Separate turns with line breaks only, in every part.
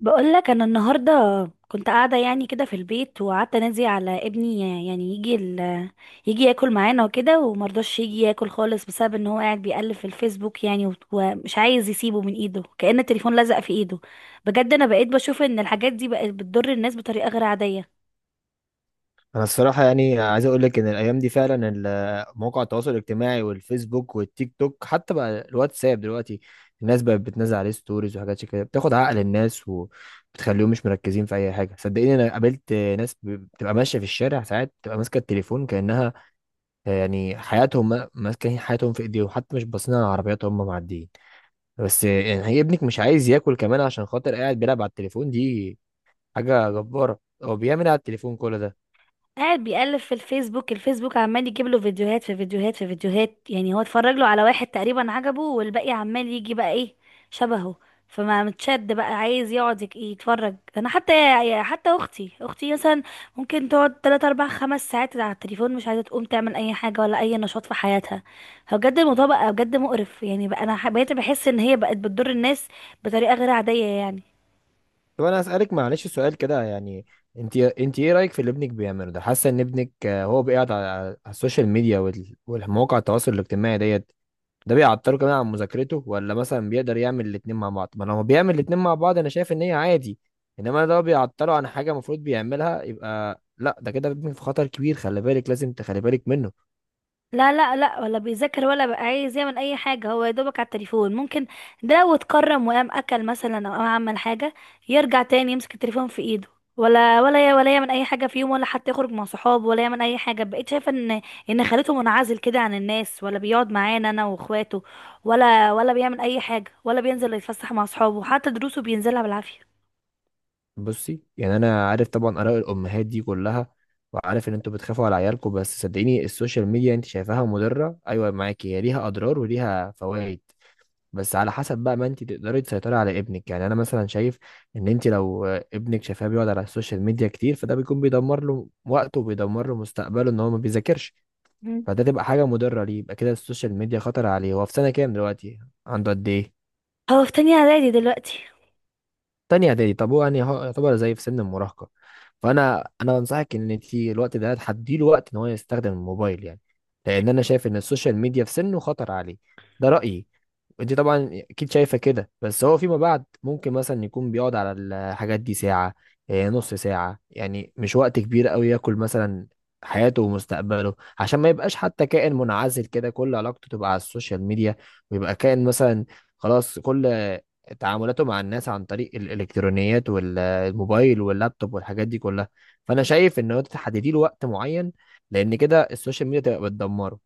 بقولك انا النهارده كنت قاعده يعني كده في البيت، وقعدت انادي على ابني يعني يجي ال... يجي ياكل معانا وكده، ومرضاش يجي ياكل خالص بسبب ان هو قاعد بيقلب في الفيسبوك، ومش عايز يسيبه من ايده، كأن التليفون لزق في ايده. بجد انا بقيت بشوف ان الحاجات دي بقت بتضر الناس بطريقه غير عاديه.
انا الصراحه، يعني عايز اقول لك ان الايام دي فعلا مواقع التواصل الاجتماعي والفيسبوك والتيك توك، حتى بقى الواتساب دلوقتي. الناس بقت بتنزل عليه ستوريز وحاجات شي كده، بتاخد عقل الناس وبتخليهم مش مركزين في اي حاجه. صدقيني انا قابلت ناس بتبقى ماشيه في الشارع ساعات، بتبقى ماسكه التليفون كانها يعني حياتهم، ماسكين حياتهم في ايديهم، حتى مش باصين على العربيات وهم معديين. بس يعني هي ابنك مش عايز ياكل كمان عشان خاطر قاعد بيلعب على التليفون دي؟ حاجه جباره، هو بيعمل إيه على التليفون كل ده؟
قاعد بيقلب في الفيسبوك. الفيسبوك عمال يجيب له فيديوهات في فيديوهات في فيديوهات، يعني هو اتفرج له على واحد تقريبا عجبه، والباقي عمال يجي بقى ايه شبهه. فما متشد بقى عايز يقعد يتفرج. انا حتى اختي مثلا ممكن تقعد 3 4 5 ساعات على التليفون، مش عايزه تقوم تعمل اي حاجه ولا اي نشاط في حياتها. هو بجد الموضوع بقى بجد مقرف، يعني بقى انا بقيت بحس ان هي بقت بتضر الناس بطريقه غير عاديه يعني.
طب انا اسالك معلش سؤال كده يعني، انت ايه رايك في اللي ابنك بيعمله ده؟ حاسه ان ابنك هو بيقعد على السوشيال ميديا والمواقع التواصل الاجتماعي ديت؟ ده بيعطله كمان عن مذاكرته، ولا مثلا بيقدر يعمل الاتنين مع بعض؟ ما لو بيعمل الاتنين مع بعض انا شايف ان هي عادي، انما ده بيعطله عن حاجه المفروض بيعملها يبقى لا، ده كده ابنك في خطر كبير، خلي بالك، لازم تخلي بالك منه.
لا، لا، لا، ولا بيذاكر ولا بقى عايز يعمل اي حاجه، هو يا دوبك على التليفون، ممكن ده لو اتكرم وقام اكل مثلا او قام عمل حاجه يرجع تاني يمسك التليفون في ايده، ولا يعمل اي حاجه في يوم، ولا حتى يخرج مع صحابه ولا يعمل اي حاجه. بقيت شايفه ان خليته منعزل كده عن الناس، ولا بيقعد معانا انا واخواته، ولا بيعمل اي حاجه، ولا بينزل يتفسح مع صحابه، حتى دروسه بينزلها بالعافيه.
بصي، يعني انا عارف طبعا اراء الامهات دي كلها، وعارف ان انتوا بتخافوا على عيالكم، بس صدقيني السوشيال ميديا انت شايفاها مضره، ايوه معاكي، هي ليها اضرار وليها فوائد، بس على حسب بقى ما انت تقدري تسيطري على ابنك. يعني انا مثلا شايف ان انت لو ابنك شايفاه بيقعد على السوشيال ميديا كتير، فده بيكون بيدمر له وقته وبيدمر له مستقبله ان هو ما بيذاكرش.
مم.
فده تبقى حاجه مضره ليه، يبقى كده السوشيال ميديا خطر عليه. هو في سنه كام دلوقتي؟ عنده قد ايه؟
هو في تانية اعدادي دلوقتي.
تانية اعدادي، طب هو يعني هو يعتبر زي في سن المراهقة، فانا بنصحك ان انت الوقت ده تحدي له وقت ان هو يستخدم الموبايل، يعني لان انا شايف ان السوشيال ميديا في سنه خطر عليه، ده رأيي. انت طبعا اكيد شايفه كده، بس هو فيما بعد ممكن مثلا يكون بيقعد على الحاجات دي ساعه، نص ساعه، يعني مش وقت كبير قوي ياكل مثلا حياته ومستقبله، عشان ما يبقاش حتى كائن منعزل كده كل علاقته تبقى على السوشيال ميديا، ويبقى كائن مثلا خلاص كل تعاملاته مع الناس عن طريق الالكترونيات والموبايل واللابتوب والحاجات دي كلها. فانا شايف ان هو تحددي له وقت معين، لان كده السوشيال ميديا تبقى بتدمره.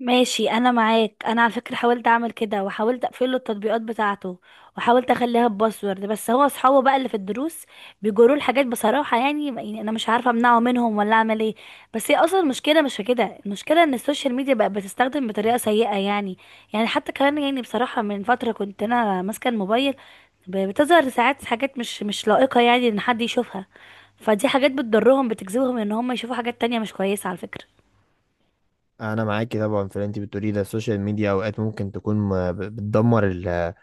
ماشي انا معاك. انا على فكره حاولت اعمل كده، وحاولت اقفل له التطبيقات بتاعته، وحاولت اخليها بباسورد، بس هو اصحابه بقى اللي في الدروس بيجروا الحاجات بصراحه يعني. انا مش عارفه امنعه منهم ولا اعمل ايه. بس هي اصلا المشكله مش في كده، المشكله ان السوشيال ميديا بقى بتستخدم بطريقه سيئه يعني. يعني حتى كمان يعني بصراحه من فتره كنت انا ماسكه الموبايل، بتظهر ساعات حاجات مش لائقه يعني ان حد يشوفها. فدي حاجات بتضرهم، بتجذبهم ان هم يشوفوا حاجات تانية مش كويسه على فكره.
انا معاكي طبعا في اللي انت بتقوليه ده، السوشيال ميديا اوقات ممكن تكون بتدمر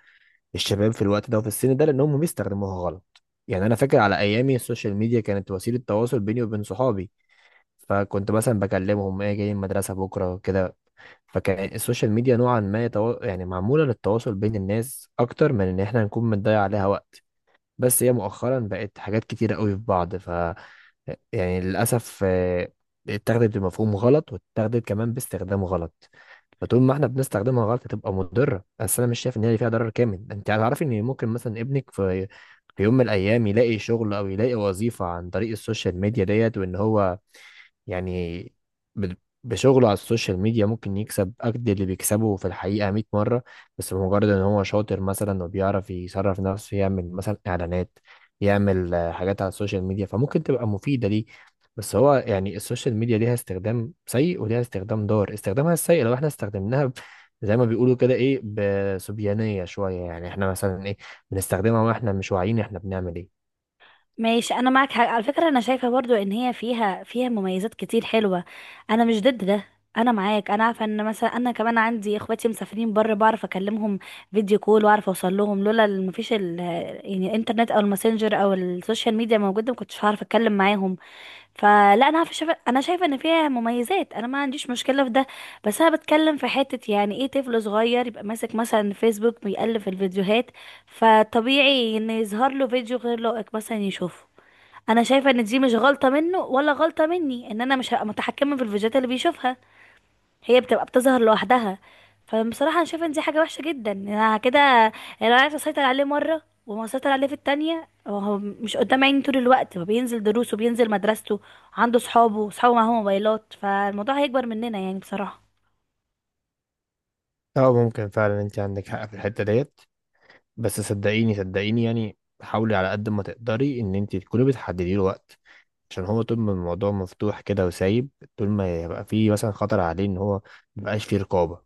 الشباب في الوقت ده وفي السن ده لانهم بيستخدموها غلط. يعني انا فاكر على ايامي السوشيال ميديا كانت وسيله تواصل بيني وبين صحابي، فكنت مثلا بكلمهم ايه جاي المدرسه بكره كده، فكان السوشيال ميديا نوعا ما يعني معمولة للتواصل بين الناس أكتر من إن إحنا نكون بنضيع عليها وقت. بس هي مؤخرا بقت حاجات كتيرة قوي في بعض، يعني للأسف اتاخدت بمفهوم غلط، واتاخدت كمان باستخدام غلط. فطول ما احنا بنستخدمها غلط هتبقى مضرة، بس أنا مش شايف إن هي فيها ضرر كامل. أنت هتعرفي إن ممكن مثلا ابنك في يوم من الأيام يلاقي شغل أو يلاقي وظيفة عن طريق السوشيال ميديا ديت، وإن هو يعني ب- بشغله على السوشيال ميديا ممكن يكسب قد اللي بيكسبه في الحقيقة 100 مرة. بس بمجرد ان هو شاطر مثلا وبيعرف يصرف نفسه، يعمل مثلا اعلانات، يعمل حاجات على السوشيال ميديا، فممكن تبقى مفيدة ليه. بس هو يعني السوشيال ميديا ليها استخدام سيء وليها استخدام ضار، استخدامها السيء لو احنا استخدمناها زي ما بيقولوا كده ايه، بصبيانية شوية، يعني احنا مثلا ايه، بنستخدمها واحنا مش واعيين احنا بنعمل ايه.
ماشي انا معاك حاجة. على فكره انا شايفه برضو ان هي فيها مميزات كتير حلوه، انا مش ضد ده. انا معاك، انا عارفه ان مثلا انا كمان عندي اخواتي مسافرين بره، بعرف اكلمهم فيديو كول، واعرف اوصل لهم، لولا مفيش ال يعني الانترنت او الماسنجر او السوشيال ميديا موجوده، ما كنتش هعرف اتكلم معاهم. فلا، انا عارفه، شايفه، انا شايفه ان فيها مميزات، انا ما عنديش مشكله في ده. بس انا بتكلم في حته، يعني ايه طفل صغير يبقى ماسك مثلا فيسبوك بيقلب في الفيديوهات، فطبيعي ان يظهر له فيديو غير لائق مثلا يشوفه. انا شايفه ان دي مش غلطه منه ولا غلطه مني، ان انا مش هبقى متحكمه في الفيديوهات اللي بيشوفها، هي بتبقى بتظهر لوحدها. فبصراحه انا شايفه ان دي حاجه وحشه جدا، إن انا كده انا عايزه اسيطر عليه مره وما اسيطر عليه في التانية، وهو مش قدام عيني طول الوقت، هو بينزل دروسه، بينزل مدرسته، عنده صحابه معاهم موبايلات، فالموضوع هيكبر مننا يعني بصراحه.
اه ممكن فعلا انت عندك حق في الحتة ديت، بس صدقيني صدقيني يعني حاولي على قد ما تقدري ان انت تكوني بتحددي له وقت، عشان هو طول ما الموضوع مفتوح كده وسايب، طول ما يبقى فيه مثلا خطر عليه ان هو مبقاش فيه رقابة،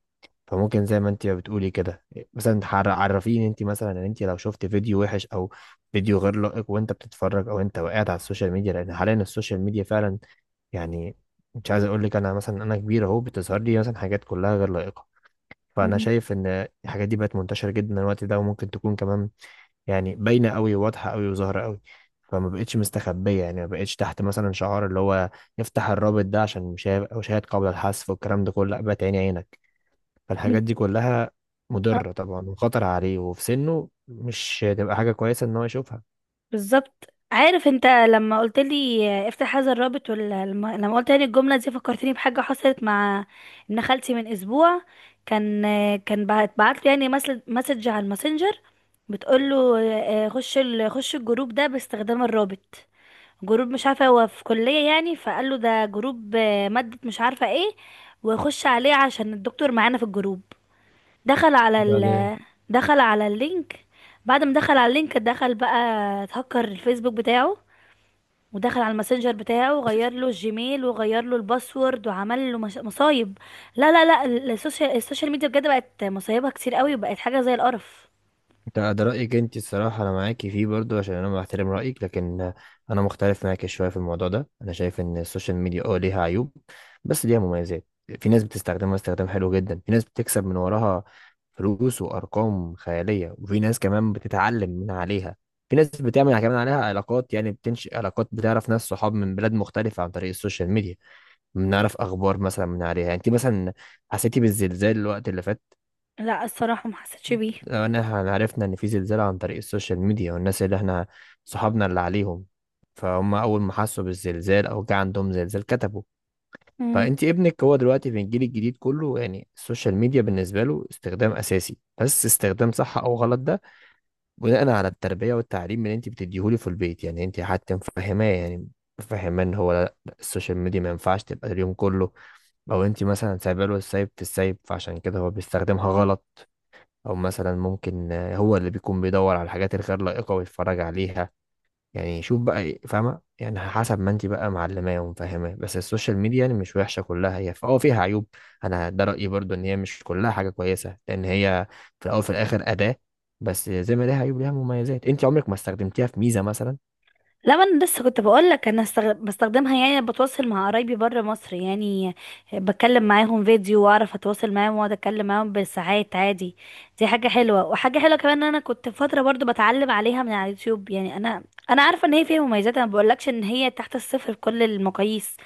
فممكن زي ما انت بتقولي كده مثلا عرفيه ان انت مثلا ان انت لو شفت فيديو وحش او فيديو غير لائق، وانت بتتفرج، او انت وقعت على السوشيال ميديا، لان حاليا السوشيال ميديا فعلا يعني، مش عايز اقول لك، انا مثلا انا كبير اهو، بتظهر لي مثلا حاجات كلها غير لائقة، فانا شايف ان الحاجات دي بقت منتشره جدا الوقت ده، وممكن تكون كمان يعني باينه قوي واضحه قوي وظاهره قوي، فما بقتش مستخبيه. يعني ما بقتش تحت مثلا شعار اللي هو يفتح الرابط ده عشان مشاهد او شاهد قبل الحذف والكلام ده كله، لا بقت عيني عينك.
مم.
فالحاجات دي كلها مضره طبعا وخطر عليه، وفي سنه مش هتبقى حاجه كويسه ان هو يشوفها.
بالظبط. عارف انت لما قلت لي افتح هذا الرابط، ولا لما قلت لي الجمله دي، فكرتني بحاجه حصلت مع ابن خالتي من اسبوع. كان بعت لي يعني مسج على الماسنجر، بتقول له خش الجروب ده باستخدام الرابط، جروب مش عارفه هو في كليه يعني، فقال له ده جروب ماده مش عارفه ايه، وخش عليه عشان الدكتور معانا في الجروب. دخل على
بعدين،
ال دخل على اللينك، بعد ما دخل على اللينك دخل بقى، اتهكر الفيسبوك بتاعه، ودخل على الماسنجر بتاعه وغير له الجيميل وغير له الباسورد وعمل له مصايب. لا، لا، لا، السوشيال ميديا بجد بقت مصايبها كتير قوي وبقت حاجة زي القرف.
ده رأيك انت الصراحة، انا معاكي فيه برضو عشان انا بحترم رأيك، لكن انا مختلف معاكي شوية في الموضوع ده. انا شايف ان السوشيال ميديا ليها عيوب بس ليها مميزات، في ناس بتستخدمها استخدام حلو جدا، في ناس بتكسب من وراها فلوس وارقام خيالية، وفي ناس كمان بتتعلم من عليها، في ناس بتعمل كمان عليها علاقات، يعني بتنشئ علاقات، بتعرف ناس صحاب من بلاد مختلفة عن طريق السوشيال ميديا، بنعرف اخبار مثلا من عليها. يعني انت مثلا حسيتي بالزلزال الوقت اللي فات؟
لا، الصراحة ما حسيتش بيه.
لو ان احنا عرفنا ان في زلزال عن طريق السوشيال ميديا، والناس اللي احنا صحابنا اللي عليهم، فهم اول ما حسوا بالزلزال او جه عندهم زلزال كتبوا. فانت ابنك هو دلوقتي في الجيل الجديد، كله يعني السوشيال ميديا بالنسبه له استخدام اساسي، بس استخدام صح او غلط ده بناء على التربيه والتعليم اللي انت بتديهوله في البيت، يعني انت حتى مفهماه، يعني مفهماه ان هو لا لا، السوشيال ميديا ما ينفعش تبقى اليوم كله، او انت مثلا سايبه له السايب في السايب، فعشان كده هو بيستخدمها غلط، او مثلا ممكن هو اللي بيكون بيدور على الحاجات الغير لائقه ويتفرج عليها. يعني شوف بقى إيه، فاهمه؟ يعني حسب ما انت بقى معلماه ومفهماه، بس السوشيال ميديا يعني مش وحشه كلها، هي فيها عيوب. انا ده رايي برضو، ان هي مش كلها حاجه كويسه، لان هي في الاول وفي الاخر اداه، بس زي ما ليها عيوب ليها مميزات. انت عمرك ما استخدمتيها في ميزه مثلا؟
لا، ما انا لسه كنت بقول لك انا بستخدمها يعني، بتواصل مع قرايبي بره مصر يعني، بتكلم معاهم فيديو واعرف اتواصل معاهم واقعد اتكلم معاهم بالساعات عادي. دي حاجه حلوه، وحاجه حلوه كمان ان انا كنت فتره برضو بتعلم عليها من على اليوتيوب، يعني انا عارفه ان هي فيها مميزات، انا ما بقولكش ان هي تحت الصفر بكل المقاييس،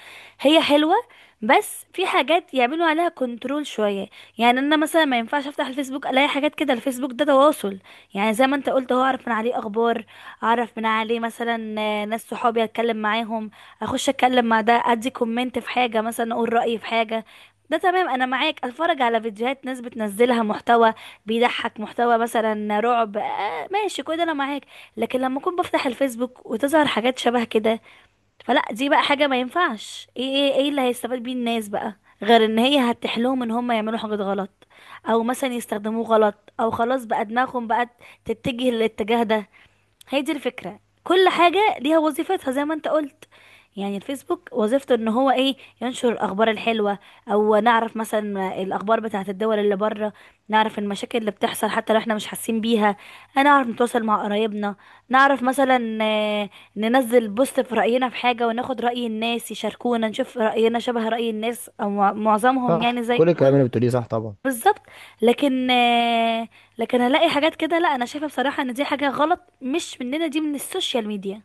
هي حلوه، بس في حاجات يعملوا عليها كنترول شويه. يعني انا مثلا ما ينفعش افتح الفيسبوك الاقي حاجات كده، الفيسبوك ده تواصل، يعني زي ما انت قلت، هو اعرف من عليه اخبار، اعرف من عليه مثلا ناس صحابي اتكلم معاهم، اخش اتكلم مع ده، ادي كومنت في حاجه مثلا اقول رايي في حاجه، ده تمام انا معاك، اتفرج على فيديوهات ناس بتنزلها محتوى بيضحك، محتوى مثلا رعب، آه ماشي، كل ده انا معاك. لكن لما اكون بفتح الفيسبوك وتظهر حاجات شبه كده، فلا، دي بقى حاجه ما ينفعش. ايه ايه ايه اللي هيستفاد بيه الناس بقى، غير ان هي هتحلهم ان هم يعملوا حاجات غلط، او مثلا يستخدموه غلط، او خلاص بقى دماغهم بقت تتجه للاتجاه ده. هي دي الفكرة. كل حاجة ليها وظيفتها زي ما انت قلت، يعني الفيسبوك وظيفته ان هو ايه، ينشر الاخبار الحلوة، او نعرف مثلا الاخبار بتاعت الدول اللي بره، نعرف المشاكل اللي بتحصل حتى لو احنا مش حاسين بيها، نعرف نتواصل مع قرايبنا، نعرف مثلا ننزل بوست في رأينا في حاجة وناخد رأي الناس يشاركونا، نشوف رأينا شبه رأي الناس او معظمهم يعني
صح
زي
كل الكلام
كل.
اللي بتقوليه صح طبعا.
بالظبط. لكن آه، لكن الاقي حاجات كده، لا، انا شايفه بصراحه ان دي حاجه غلط مش مننا، دي من السوشيال ميديا.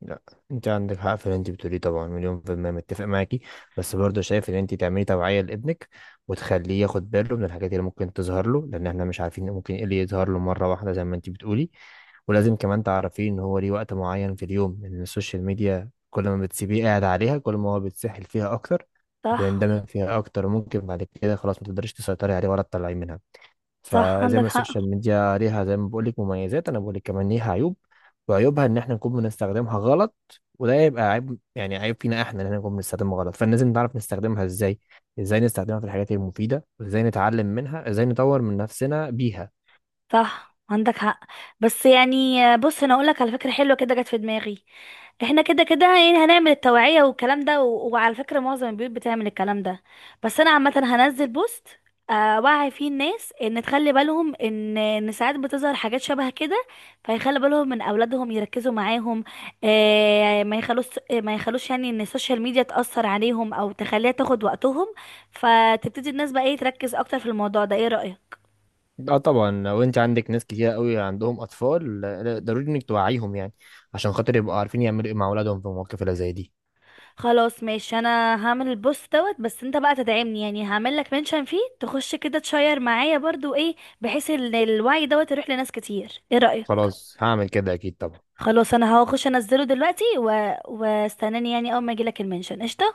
لا، انت عندك حق في اللي انت بتقوليه طبعا، مليون في المية متفق معاكي، بس برضه شايف ان انت تعملي توعية لابنك، وتخليه ياخد باله من الحاجات اللي ممكن تظهر له، لان احنا مش عارفين ممكن ايه اللي يظهر له مرة واحدة زي ما انت بتقولي، ولازم كمان تعرفيه ان هو ليه وقت معين في اليوم، لان السوشيال ميديا كل ما بتسيبيه قاعد عليها كل ما هو بيتسحل فيها اكتر،
صح.
بيندمج فيها اكتر، ممكن بعد كده خلاص ما تقدريش تسيطري عليه ولا تطلعيه منها.
صح،
فزي
عندك
ما السوشيال
حق.
ميديا ليها زي ما بقول لك مميزات، انا بقول لك كمان ليها عيوب، وعيوبها ان احنا نكون بنستخدمها غلط، وده يبقى عيب يعني عيب فينا احنا، ان احنا نكون بنستخدمها غلط، فلازم نعرف نستخدمها ازاي، ازاي نستخدمها في الحاجات المفيده، ازاي نتعلم منها، ازاي نطور من نفسنا بيها.
صح، عندك حق. بس يعني بص، انا اقولك على فكره حلوه كده جت في دماغي، احنا كده كده يعني هنعمل التوعية والكلام ده وعلى فكرة معظم البيوت بتعمل الكلام ده، بس انا عامة هنزل بوست وعي فيه الناس ان تخلي بالهم ان ساعات بتظهر حاجات شبه كده، فيخلي بالهم من اولادهم يركزوا معاهم، آه، ما يخلوش ما يخلوش يعني ان السوشيال ميديا تأثر عليهم او تخليها تاخد وقتهم، فتبتدي الناس بقى ايه تركز اكتر في الموضوع ده. ايه رأيك؟
اه طبعا لو انت عندك ناس كتير قوي عندهم اطفال، لا، ضروري انك توعيهم يعني، عشان خاطر يبقوا عارفين يعملوا ايه مع اولادهم في المواقف اللي زي دي.
خلاص ماشي. انا هعمل البوست دوت، بس انت بقى تدعمني يعني، هعمل لك منشن فيه تخش كده تشير معايا برضو ايه، بحيث ان الوعي دوت يروح لناس كتير. ايه رأيك؟
خلاص هعمل كده اكيد طبعا،
خلاص انا هخش انزله دلوقتي واستناني يعني، اول ما يجيلك المنشن قشطه.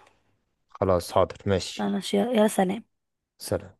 خلاص حاضر ماشي،
انا يا سلام.
سلام.